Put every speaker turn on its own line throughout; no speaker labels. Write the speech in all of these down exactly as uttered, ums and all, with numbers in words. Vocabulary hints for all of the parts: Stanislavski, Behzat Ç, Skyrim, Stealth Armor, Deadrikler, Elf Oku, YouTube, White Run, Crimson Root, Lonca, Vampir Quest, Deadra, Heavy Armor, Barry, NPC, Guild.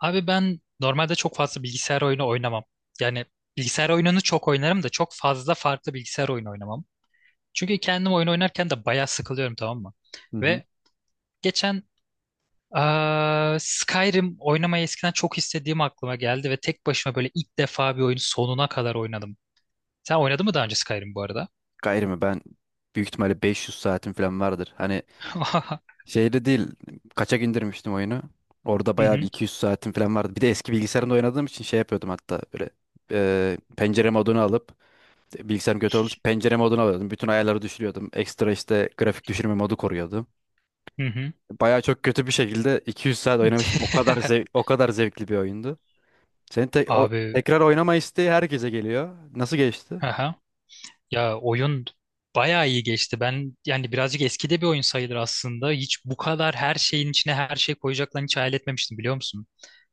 Abi ben normalde çok fazla bilgisayar oyunu oynamam. Yani bilgisayar oyununu çok oynarım da çok fazla farklı bilgisayar oyunu oynamam. Çünkü kendim oyun oynarken de bayağı sıkılıyorum, tamam mı?
Hı hı.
Ve geçen eee, Skyrim oynamayı eskiden çok istediğim aklıma geldi ve tek başıma böyle ilk defa bir oyunu sonuna kadar oynadım. Sen oynadın mı daha önce Skyrim bu arada?
Gayrı mı? Ben büyük ihtimalle beş yüz saatim falan vardır. Hani
Hı
şeyde değil. Kaçak indirmiştim oyunu. Orada bayağı bir
hı.
iki yüz saatim falan vardı. Bir de eski bilgisayarımda oynadığım için şey yapıyordum hatta böyle e, pencere modunu alıp bilgisayarım kötü olduğu için pencere modunu alıyordum. Bütün ayarları düşürüyordum. Ekstra işte grafik düşürme modu koruyordum.
Hı hı.
Bayağı çok kötü bir şekilde iki yüz saat oynamıştım. O kadar zev- o kadar zevkli bir oyundu. Senin te- o
Abi.
tekrar oynama isteği herkese geliyor. Nasıl geçti?
Ya oyun bayağı iyi geçti. Ben yani birazcık eskide bir oyun sayılır aslında. Hiç bu kadar her şeyin içine her şey koyacaklarını hiç hayal etmemiştim, biliyor musun?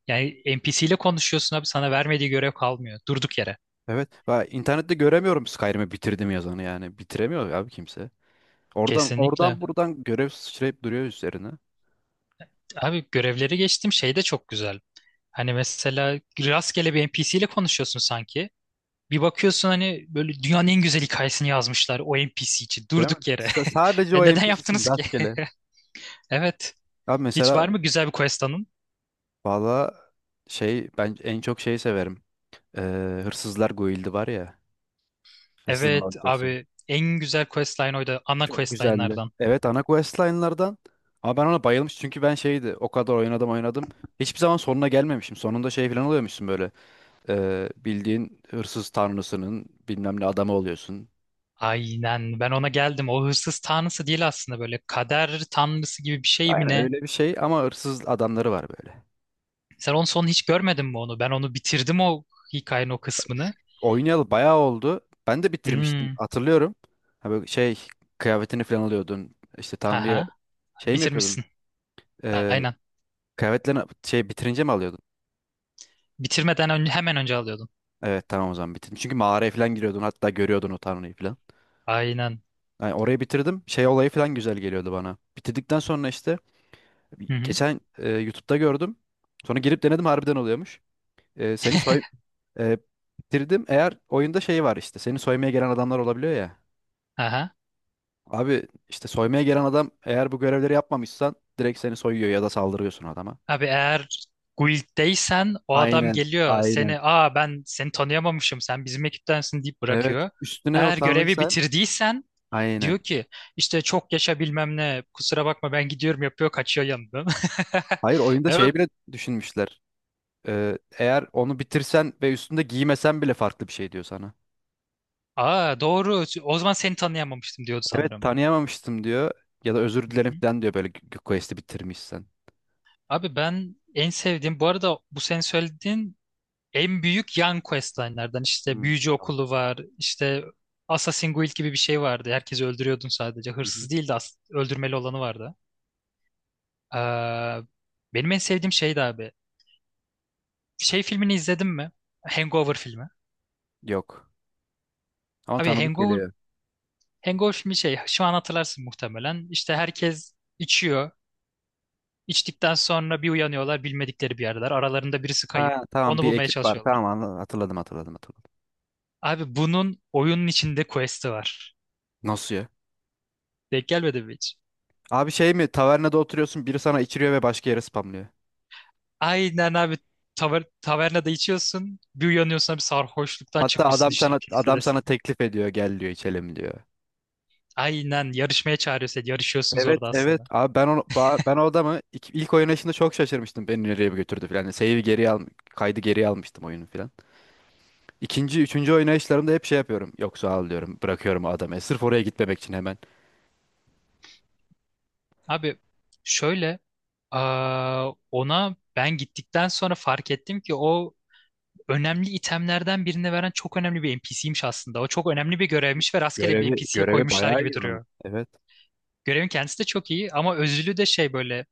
Yani N P C ile konuşuyorsun abi, sana vermediği görev kalmıyor. Durduk yere.
Evet. Ben internette göremiyorum Skyrim'i bitirdim yazanı yani. Bitiremiyor abi kimse. Oradan
Kesinlikle.
oradan buradan görev sıçrayıp duruyor üzerine.
Abi görevleri geçtim, şey de çok güzel. Hani mesela rastgele bir N P C ile konuşuyorsun sanki. Bir bakıyorsun, hani böyle dünyanın en güzel hikayesini yazmışlar o N P C için
Değil mi?
durduk yere.
S- sadece
E
o
neden
N P C'sin
yaptınız ki?
rastgele.
Evet.
Abi
Hiç
mesela
var mı güzel bir quest?
valla şey ben en çok şeyi severim. Ee, Hırsızlar Guild'i var ya. Hırsızlar
Evet
Loncası.
abi, en güzel questline oydu. Ana
Çok güzeldi.
questline'lardan.
Evet ana questline'lardan. Ama ben ona bayılmış çünkü ben şeydi o kadar oynadım oynadım. Hiçbir zaman sonuna gelmemişim. Sonunda şey falan oluyormuşsun böyle. Ee, bildiğin hırsız tanrısının bilmem ne adamı oluyorsun.
Aynen, ben ona geldim. O hırsız tanrısı değil aslında, böyle kader tanrısı gibi bir şey mi
Aynen
ne?
öyle bir şey ama hırsız adamları var böyle.
Sen onun sonunu hiç görmedin mi onu? Ben onu bitirdim, o hikayenin o kısmını.
Oynayalı bayağı oldu. Ben de bitirmiştim
Hmm.
hatırlıyorum. Ha böyle şey kıyafetini falan alıyordun. İşte Tanrı'ya
Aha.
şey mi yapıyordun?
Bitirmişsin.
Ee,
Aynen.
kıyafetlerini şey bitirince mi alıyordun?
Bitirmeden önce, hemen önce alıyordun.
Evet tamam o zaman bitirdim. Çünkü mağaraya falan giriyordun hatta görüyordun o Tanrı'yı falan.
Aynen.
Yani orayı bitirdim. Şey olayı falan güzel geliyordu bana. Bitirdikten sonra işte
Hı hı.
geçen e, YouTube'da gördüm. Sonra girip denedim harbiden oluyormuş. E, seni soy e, bitirdim. Eğer oyunda şey var işte seni soymaya gelen adamlar olabiliyor ya.
Aha.
Abi işte soymaya gelen adam eğer bu görevleri yapmamışsan direkt seni soyuyor ya da saldırıyorsun adama.
Abi eğer guilddeysen o adam
Aynen,
geliyor,
aynen.
seni, aa ben seni tanıyamamışım, sen bizim ekiptensin deyip
Evet.
bırakıyor.
Üstüne o
Eğer görevi
utanırsan
bitirdiysen
aynen.
diyor ki işte çok yaşa bilmem ne, kusura bakma ben gidiyorum yapıyor, kaçıyor yanından.
Hayır oyunda
Ben böyle,
şey bile düşünmüşler. Ee, eğer onu bitirsen ve üstünde giymesen bile farklı bir şey diyor sana.
aa doğru o zaman seni tanıyamamıştım diyordu
Evet
sanırım.
tanıyamamıştım diyor ya da özür
Hı
dilerim
hı.
falan diyor böyle g- quest'i bitirmişsen.
Abi ben en sevdiğim bu arada, bu senin söylediğin en büyük yan questline'lerden, işte
Hmm,
büyücü
tamam.
okulu var, işte Assassin's Guild gibi bir şey vardı, herkesi öldürüyordun, sadece
Hı hı.
hırsız değil de as- öldürmeli olanı vardı. Ee, benim en sevdiğim şeydi abi, şey filmini izledin mi, Hangover filmi?
Yok. Ama
Abi
tanıdık
Hangover
geliyor.
Hangover filmi, şey şu an hatırlarsın muhtemelen. İşte herkes içiyor, içtikten sonra bir uyanıyorlar, bilmedikleri bir yerdeler, aralarında birisi kayıp,
Ha tamam
onu
bir
bulmaya
ekip var.
çalışıyorlar.
Tamam anla- hatırladım hatırladım hatırladım.
Abi bunun oyunun içinde quest'i var,
Nasıl ya?
denk gelmedi mi hiç?
Abi şey mi tavernada oturuyorsun biri sana içiriyor ve başka yere spamlıyor.
Aynen abi, taver tavernada içiyorsun. Bir uyanıyorsun abi, sarhoşluktan
Hatta
çıkmışsın,
adam
işte bir
sana adam sana
kilisedesin.
teklif ediyor gel diyor içelim diyor.
Aynen, yarışmaya çağırıyor seni. Yarışıyorsunuz
Evet
orada
evet.
aslında.
Abi ben onu ba- ben o adamı ilk, ilk oynayışında çok şaşırmıştım. Beni nereye bir götürdü falan. Save'i geri al kaydı geri almıştım oyunu falan. İkinci, üçüncü oynayışlarımda hep şey yapıyorum. Yok sağ ol diyorum. Bırakıyorum o adamı. Sırf oraya gitmemek için hemen.
Abi şöyle, aa, ona ben gittikten sonra fark ettim ki o önemli itemlerden birini veren çok önemli bir N P C'ymiş aslında. O çok önemli bir görevmiş ve rastgele bir
Görevi
N P C'ye
görevi
koymuşlar
bayağı
gibi
iyi onun.
duruyor.
Evet.
Görevin kendisi de çok iyi, ama özülü de şey, böyle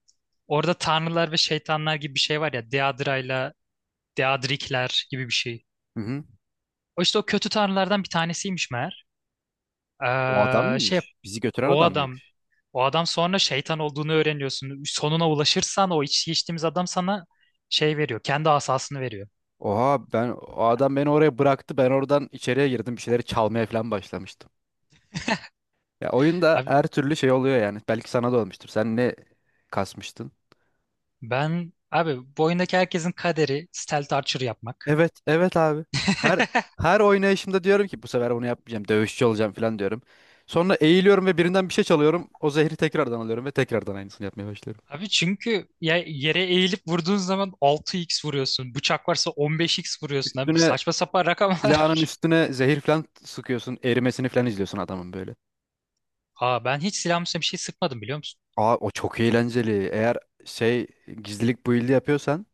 orada tanrılar ve şeytanlar gibi bir şey var ya, Deadra'yla Deadrikler gibi bir şey.
Hı hı.
O işte o kötü tanrılardan bir tanesiymiş meğer.
O adam
Ee, şey
mıymış? Bizi götüren
o
adam
adam
mıymış?
o adam sonra şeytan olduğunu öğreniyorsun. Sonuna ulaşırsan o iç geçtiğimiz adam sana şey veriyor. Kendi asasını veriyor.
Oha, ben o adam beni oraya bıraktı. Ben oradan içeriye girdim. Bir şeyleri çalmaya falan başlamıştım. Ya oyunda
Abi
her türlü şey oluyor yani. Belki sana da olmuştur. Sen ne kasmıştın?
ben abi bu oyundaki herkesin kaderi stealth archer yapmak.
Evet, evet abi. Her her oynayışımda diyorum ki bu sefer bunu yapmayacağım. Dövüşçü olacağım falan diyorum. Sonra eğiliyorum ve birinden bir şey çalıyorum. O zehri tekrardan alıyorum ve tekrardan aynısını yapmaya başlıyorum.
Abi çünkü ya yere eğilip vurduğun zaman altı x vuruyorsun. Bıçak varsa on beş x vuruyorsun. Abi
Üstüne
saçma sapan rakamlar.
silahının üstüne zehir falan sıkıyorsun. Erimesini falan izliyorsun adamın böyle.
Aa ben hiç silahımın üstüne bir şey sıkmadım, biliyor musun?
Aa, o çok eğlenceli. Eğer şey gizlilik build'i yapıyorsan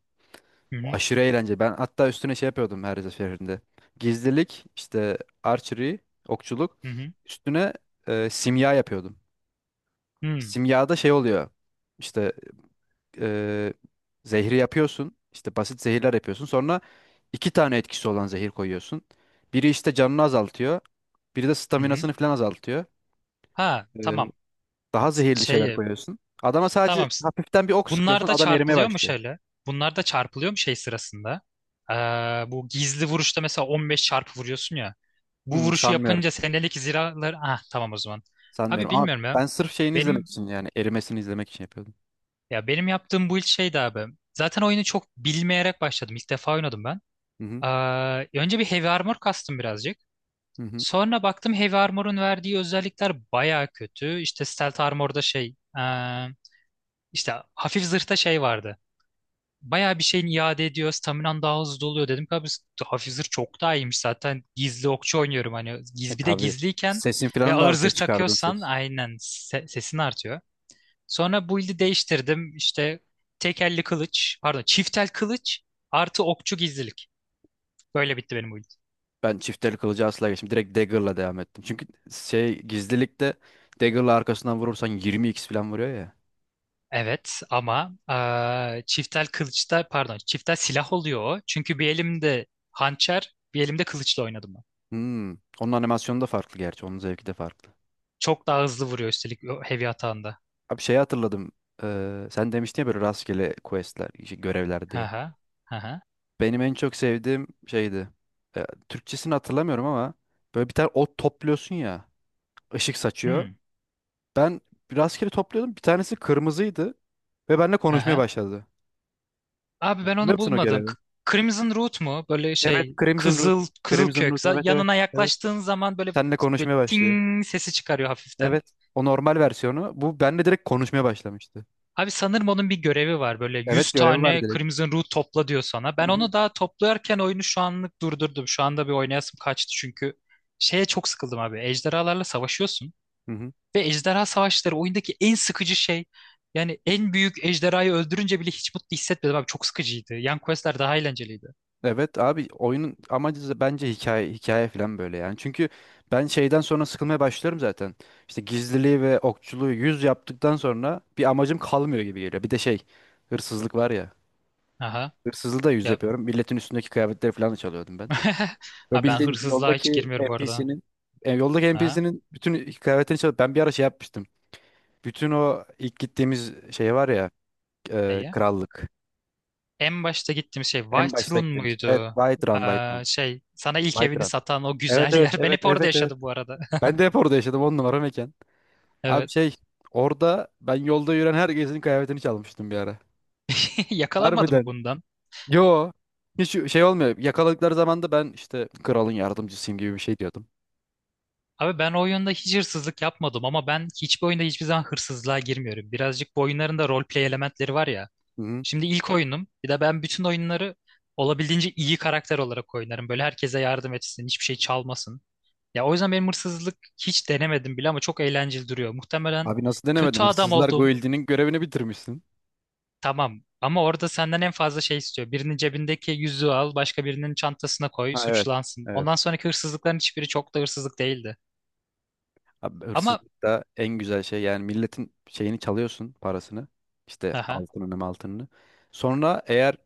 Hı hı,
aşırı eğlence. Ben hatta üstüne şey yapıyordum her seferinde. Gizlilik, işte archery, okçuluk.
hı hı,
Üstüne e, simya yapıyordum.
hı
Simyada şey oluyor. İşte e, zehri yapıyorsun. İşte basit zehirler yapıyorsun. Sonra iki tane etkisi olan zehir koyuyorsun. Biri işte canını azaltıyor. Biri de
hı. Hı.
staminasını falan azaltıyor.
Ha
Ee,
tamam.
daha zehirli şeyler
Şey
koyuyorsun. Adama sadece
Tamam.
hafiften bir ok
Bunlar
sıkıyorsun.
da
Adam erimeye
çarpılıyor mu
başlıyor.
şöyle? Bunlar da çarpılıyor mu şey sırasında? Ee, bu gizli vuruşta mesela on beş çarpı vuruyorsun ya. Bu
Hmm,
vuruşu
sanmıyorum.
yapınca senelik ziralar... Ah tamam o zaman. Abi
Sanmıyorum ama
bilmiyorum ya.
ben sırf şeyini izlemek
Benim
için yani erimesini izlemek için yapıyordum.
ya benim yaptığım bu ilk şeydi abi. Zaten oyunu çok bilmeyerek başladım. İlk defa oynadım ben.
Hı hı.
Ee, önce bir Heavy Armor kastım birazcık.
Hı hı.
Sonra baktım Heavy Armor'un verdiği özellikler baya kötü. İşte Stealth Armor'da şey... ee, işte hafif zırhta şey vardı. Bayağı bir şeyin iade ediyor. Staminan daha hızlı doluyor, dedim ki abi hafif zırh çok daha iyiymiş, zaten gizli okçu oynuyorum hani,
E
giz, bir de
tabii.
gizliyken
Sesin
ve
falan da
ağır zırh
artıyor çıkardığın
takıyorsan
ses.
aynen se- sesin artıyor. Sonra build'i değiştirdim, işte tek elli kılıç, pardon çift el kılıç artı okçu gizlilik. Böyle bitti benim build.
Ben çifteli kılıcı asla geçtim. Direkt dagger'la devam ettim. Çünkü şey gizlilikte dagger'la arkasından vurursan yirmi x falan vuruyor ya.
Evet ama eee çiftel kılıçta, pardon çiftel silah oluyor o. Çünkü bir elimde hançer, bir elimde kılıçla oynadım ben.
Hmm. Onun animasyonu da farklı gerçi. Onun zevki de farklı.
Çok daha hızlı vuruyor üstelik o heavy atağında.
Abi şeyi hatırladım. Ee, sen demiştin ya böyle rastgele questler, işte görevler
Hı
diye.
hı. Hı hı.
Benim en çok sevdiğim şeydi. Ee, Türkçesini hatırlamıyorum ama böyle bir tane ot topluyorsun ya. Işık saçıyor.
Hmm.
Ben rastgele topluyordum. Bir tanesi kırmızıydı ve benimle konuşmaya
Aha.
başladı.
Abi ben
Hatırlıyor
onu
musun o
bulmadım. K-
görevi?
Crimson Root mu? Böyle
Evet,
şey
Crimson Root.
kızıl kızıl
Crimson
kök.
Root.
Za-
Evet, evet.
Yanına
Evet.
yaklaştığın zaman böyle,
Seninle
böyle
konuşmaya başlıyor.
ting sesi çıkarıyor hafiften.
Evet. O normal versiyonu. Bu benimle direkt konuşmaya başlamıştı.
Abi sanırım onun bir görevi var. Böyle
Evet,
yüz
görevi var
tane
direkt.
Crimson Root topla diyor sana.
Hı
Ben
hı.
onu daha toplarken oyunu şu anlık durdurdum. Şu anda bir oynayasım kaçtı çünkü şeye çok sıkıldım abi. Ejderhalarla savaşıyorsun
Hı hı.
ve ejderha savaşları oyundaki en sıkıcı şey. Yani en büyük ejderhayı öldürünce bile hiç mutlu hissetmedim abi. Çok sıkıcıydı. Yan questler daha eğlenceliydi.
Evet abi oyunun amacı da bence hikaye hikaye falan böyle yani. Çünkü ben şeyden sonra sıkılmaya başlıyorum zaten. İşte gizliliği ve okçuluğu yüz yaptıktan sonra bir amacım kalmıyor gibi geliyor. Bir de şey hırsızlık var ya.
Aha.
Hırsızlığı da yüz
Ya,
yapıyorum. Milletin üstündeki kıyafetleri falan da çalıyordum ben. Ve
ha ben
bildiğin
hırsızlığa hiç
yoldaki
girmiyorum bu arada.
NPC'nin e, yoldaki
Aha,
N P C'nin bütün kıyafetlerini çalıp ben bir ara şey yapmıştım. Bütün o ilk gittiğimiz şey var ya e,
neye?
krallık.
En başta gittiğim şey
En
White
başta
Run
gittiğimiz. Evet,
muydu?
White Run White Run.
Ee, şey sana ilk
White
evini
Run.
satan o
Evet
güzel
evet
yer. Ben
evet
hep orada
evet evet.
yaşadım bu arada.
Ben de hep orada yaşadım, on numara mekan. Abi
Evet.
şey orada ben yolda yürüyen herkesin kıyafetini çalmıştım bir ara.
Yakalanmadı mı
Harbiden.
bundan?
Yo. Hiç şey olmuyor. Yakaladıkları zaman da ben işte kralın yardımcısıyım gibi bir şey diyordum.
Abi ben o oyunda hiç hırsızlık yapmadım, ama ben hiçbir oyunda hiçbir zaman hırsızlığa girmiyorum. Birazcık bu oyunların da roleplay elementleri var ya.
Hı.
Şimdi ilk oyunum. Bir de ben bütün oyunları olabildiğince iyi karakter olarak oynarım. Böyle herkese yardım etsin, hiçbir şey çalmasın. Ya o yüzden benim hırsızlık, hiç denemedim bile ama çok eğlenceli duruyor. Muhtemelen
Abi nasıl denemedin?
kötü adam
Hırsızlar
oldum.
Guildi'nin görevini bitirmişsin.
Tamam. Ama orada senden en fazla şey istiyor. Birinin cebindeki yüzüğü al, başka birinin çantasına koy,
Ha, evet.
suçlansın. Ondan
Evet.
sonraki hırsızlıkların hiçbiri çok da hırsızlık değildi.
Abi
Ama
hırsızlık en güzel şey yani, milletin şeyini çalıyorsun, parasını. İşte
aha.
altınını altınını. Sonra eğer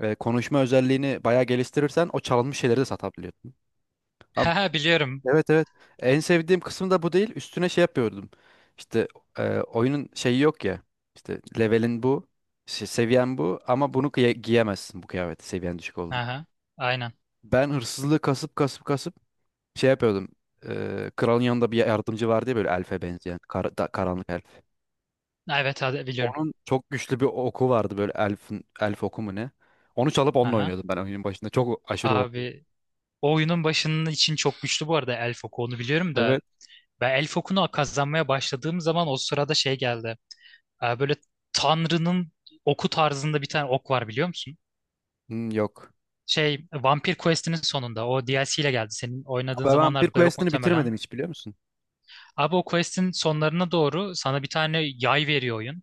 e, konuşma özelliğini bayağı geliştirirsen o çalınmış şeyleri de satabiliyorsun. Abi,
Haha biliyorum.
evet evet. En sevdiğim kısım da bu değil. Üstüne şey yapıyordum. İşte e, oyunun şeyi yok ya. İşte levelin bu. şey- seviyen bu ama bunu giye- giyemezsin bu kıyafeti seviyen düşük olduğu için.
Aha. Aynen.
Ben hırsızlığı kasıp kasıp kasıp şey yapıyordum. Eee kralın yanında bir yardımcı vardı ya böyle elfe benzeyen. kar- da- karanlık elf.
Evet hadi biliyorum.
Onun çok güçlü bir oku vardı böyle elfin, elf oku mu ne? Onu çalıp onunla
Aha.
oynuyordum ben oyunun başında. Çok aşırı O P.
Abi o oyunun başının için çok güçlü bu arada Elf Oku, onu biliyorum da
Evet.
ben Elf Oku'nu kazanmaya başladığım zaman o sırada şey geldi. Ee, böyle Tanrı'nın oku tarzında bir tane ok var, biliyor musun?
Hmm, yok.
Şey Vampir Quest'inin sonunda o D L C ile geldi. Senin oynadığın
Ben Vampir
zamanlarda yok
Quest'ini
muhtemelen.
bitirmedim hiç biliyor musun?
Abi o quest'in sonlarına doğru sana bir tane yay veriyor oyun.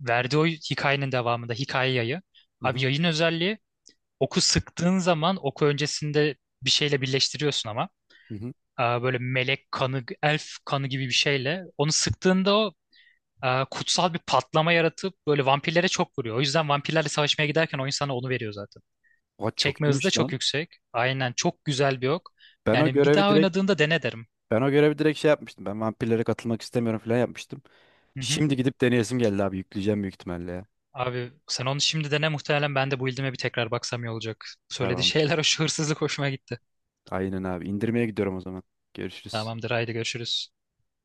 Verdiği o hikayenin devamında hikaye yayı.
Hı
Abi
hı.
yayın özelliği, oku sıktığın zaman oku öncesinde bir şeyle birleştiriyorsun ama.
Hı hı.
Ee, Böyle melek kanı, elf kanı gibi bir şeyle. Onu sıktığında o e, kutsal bir patlama yaratıp böyle vampirlere çok vuruyor. O yüzden vampirlerle savaşmaya giderken oyun sana onu veriyor zaten.
Oha,
Çekme
çok
hızı da
iyiymiş
çok
lan.
yüksek. Aynen çok güzel bir ok.
Ben o
Yani bir
görevi
daha
direkt
oynadığında dene derim.
ben o görevi direkt şey yapmıştım. Ben vampirlere katılmak istemiyorum falan yapmıştım.
Hı hı.
Şimdi gidip deneyesim geldi abi. Yükleyeceğim büyük ihtimalle ya.
Abi sen onu şimdi dene, muhtemelen ben de bu build'ime bir tekrar baksam iyi olacak. Söylediği
Tamam.
şeyler, o şu hırsızlık hoşuma gitti.
Aynen abi. İndirmeye gidiyorum o zaman. Görüşürüz.
Tamamdır, haydi görüşürüz.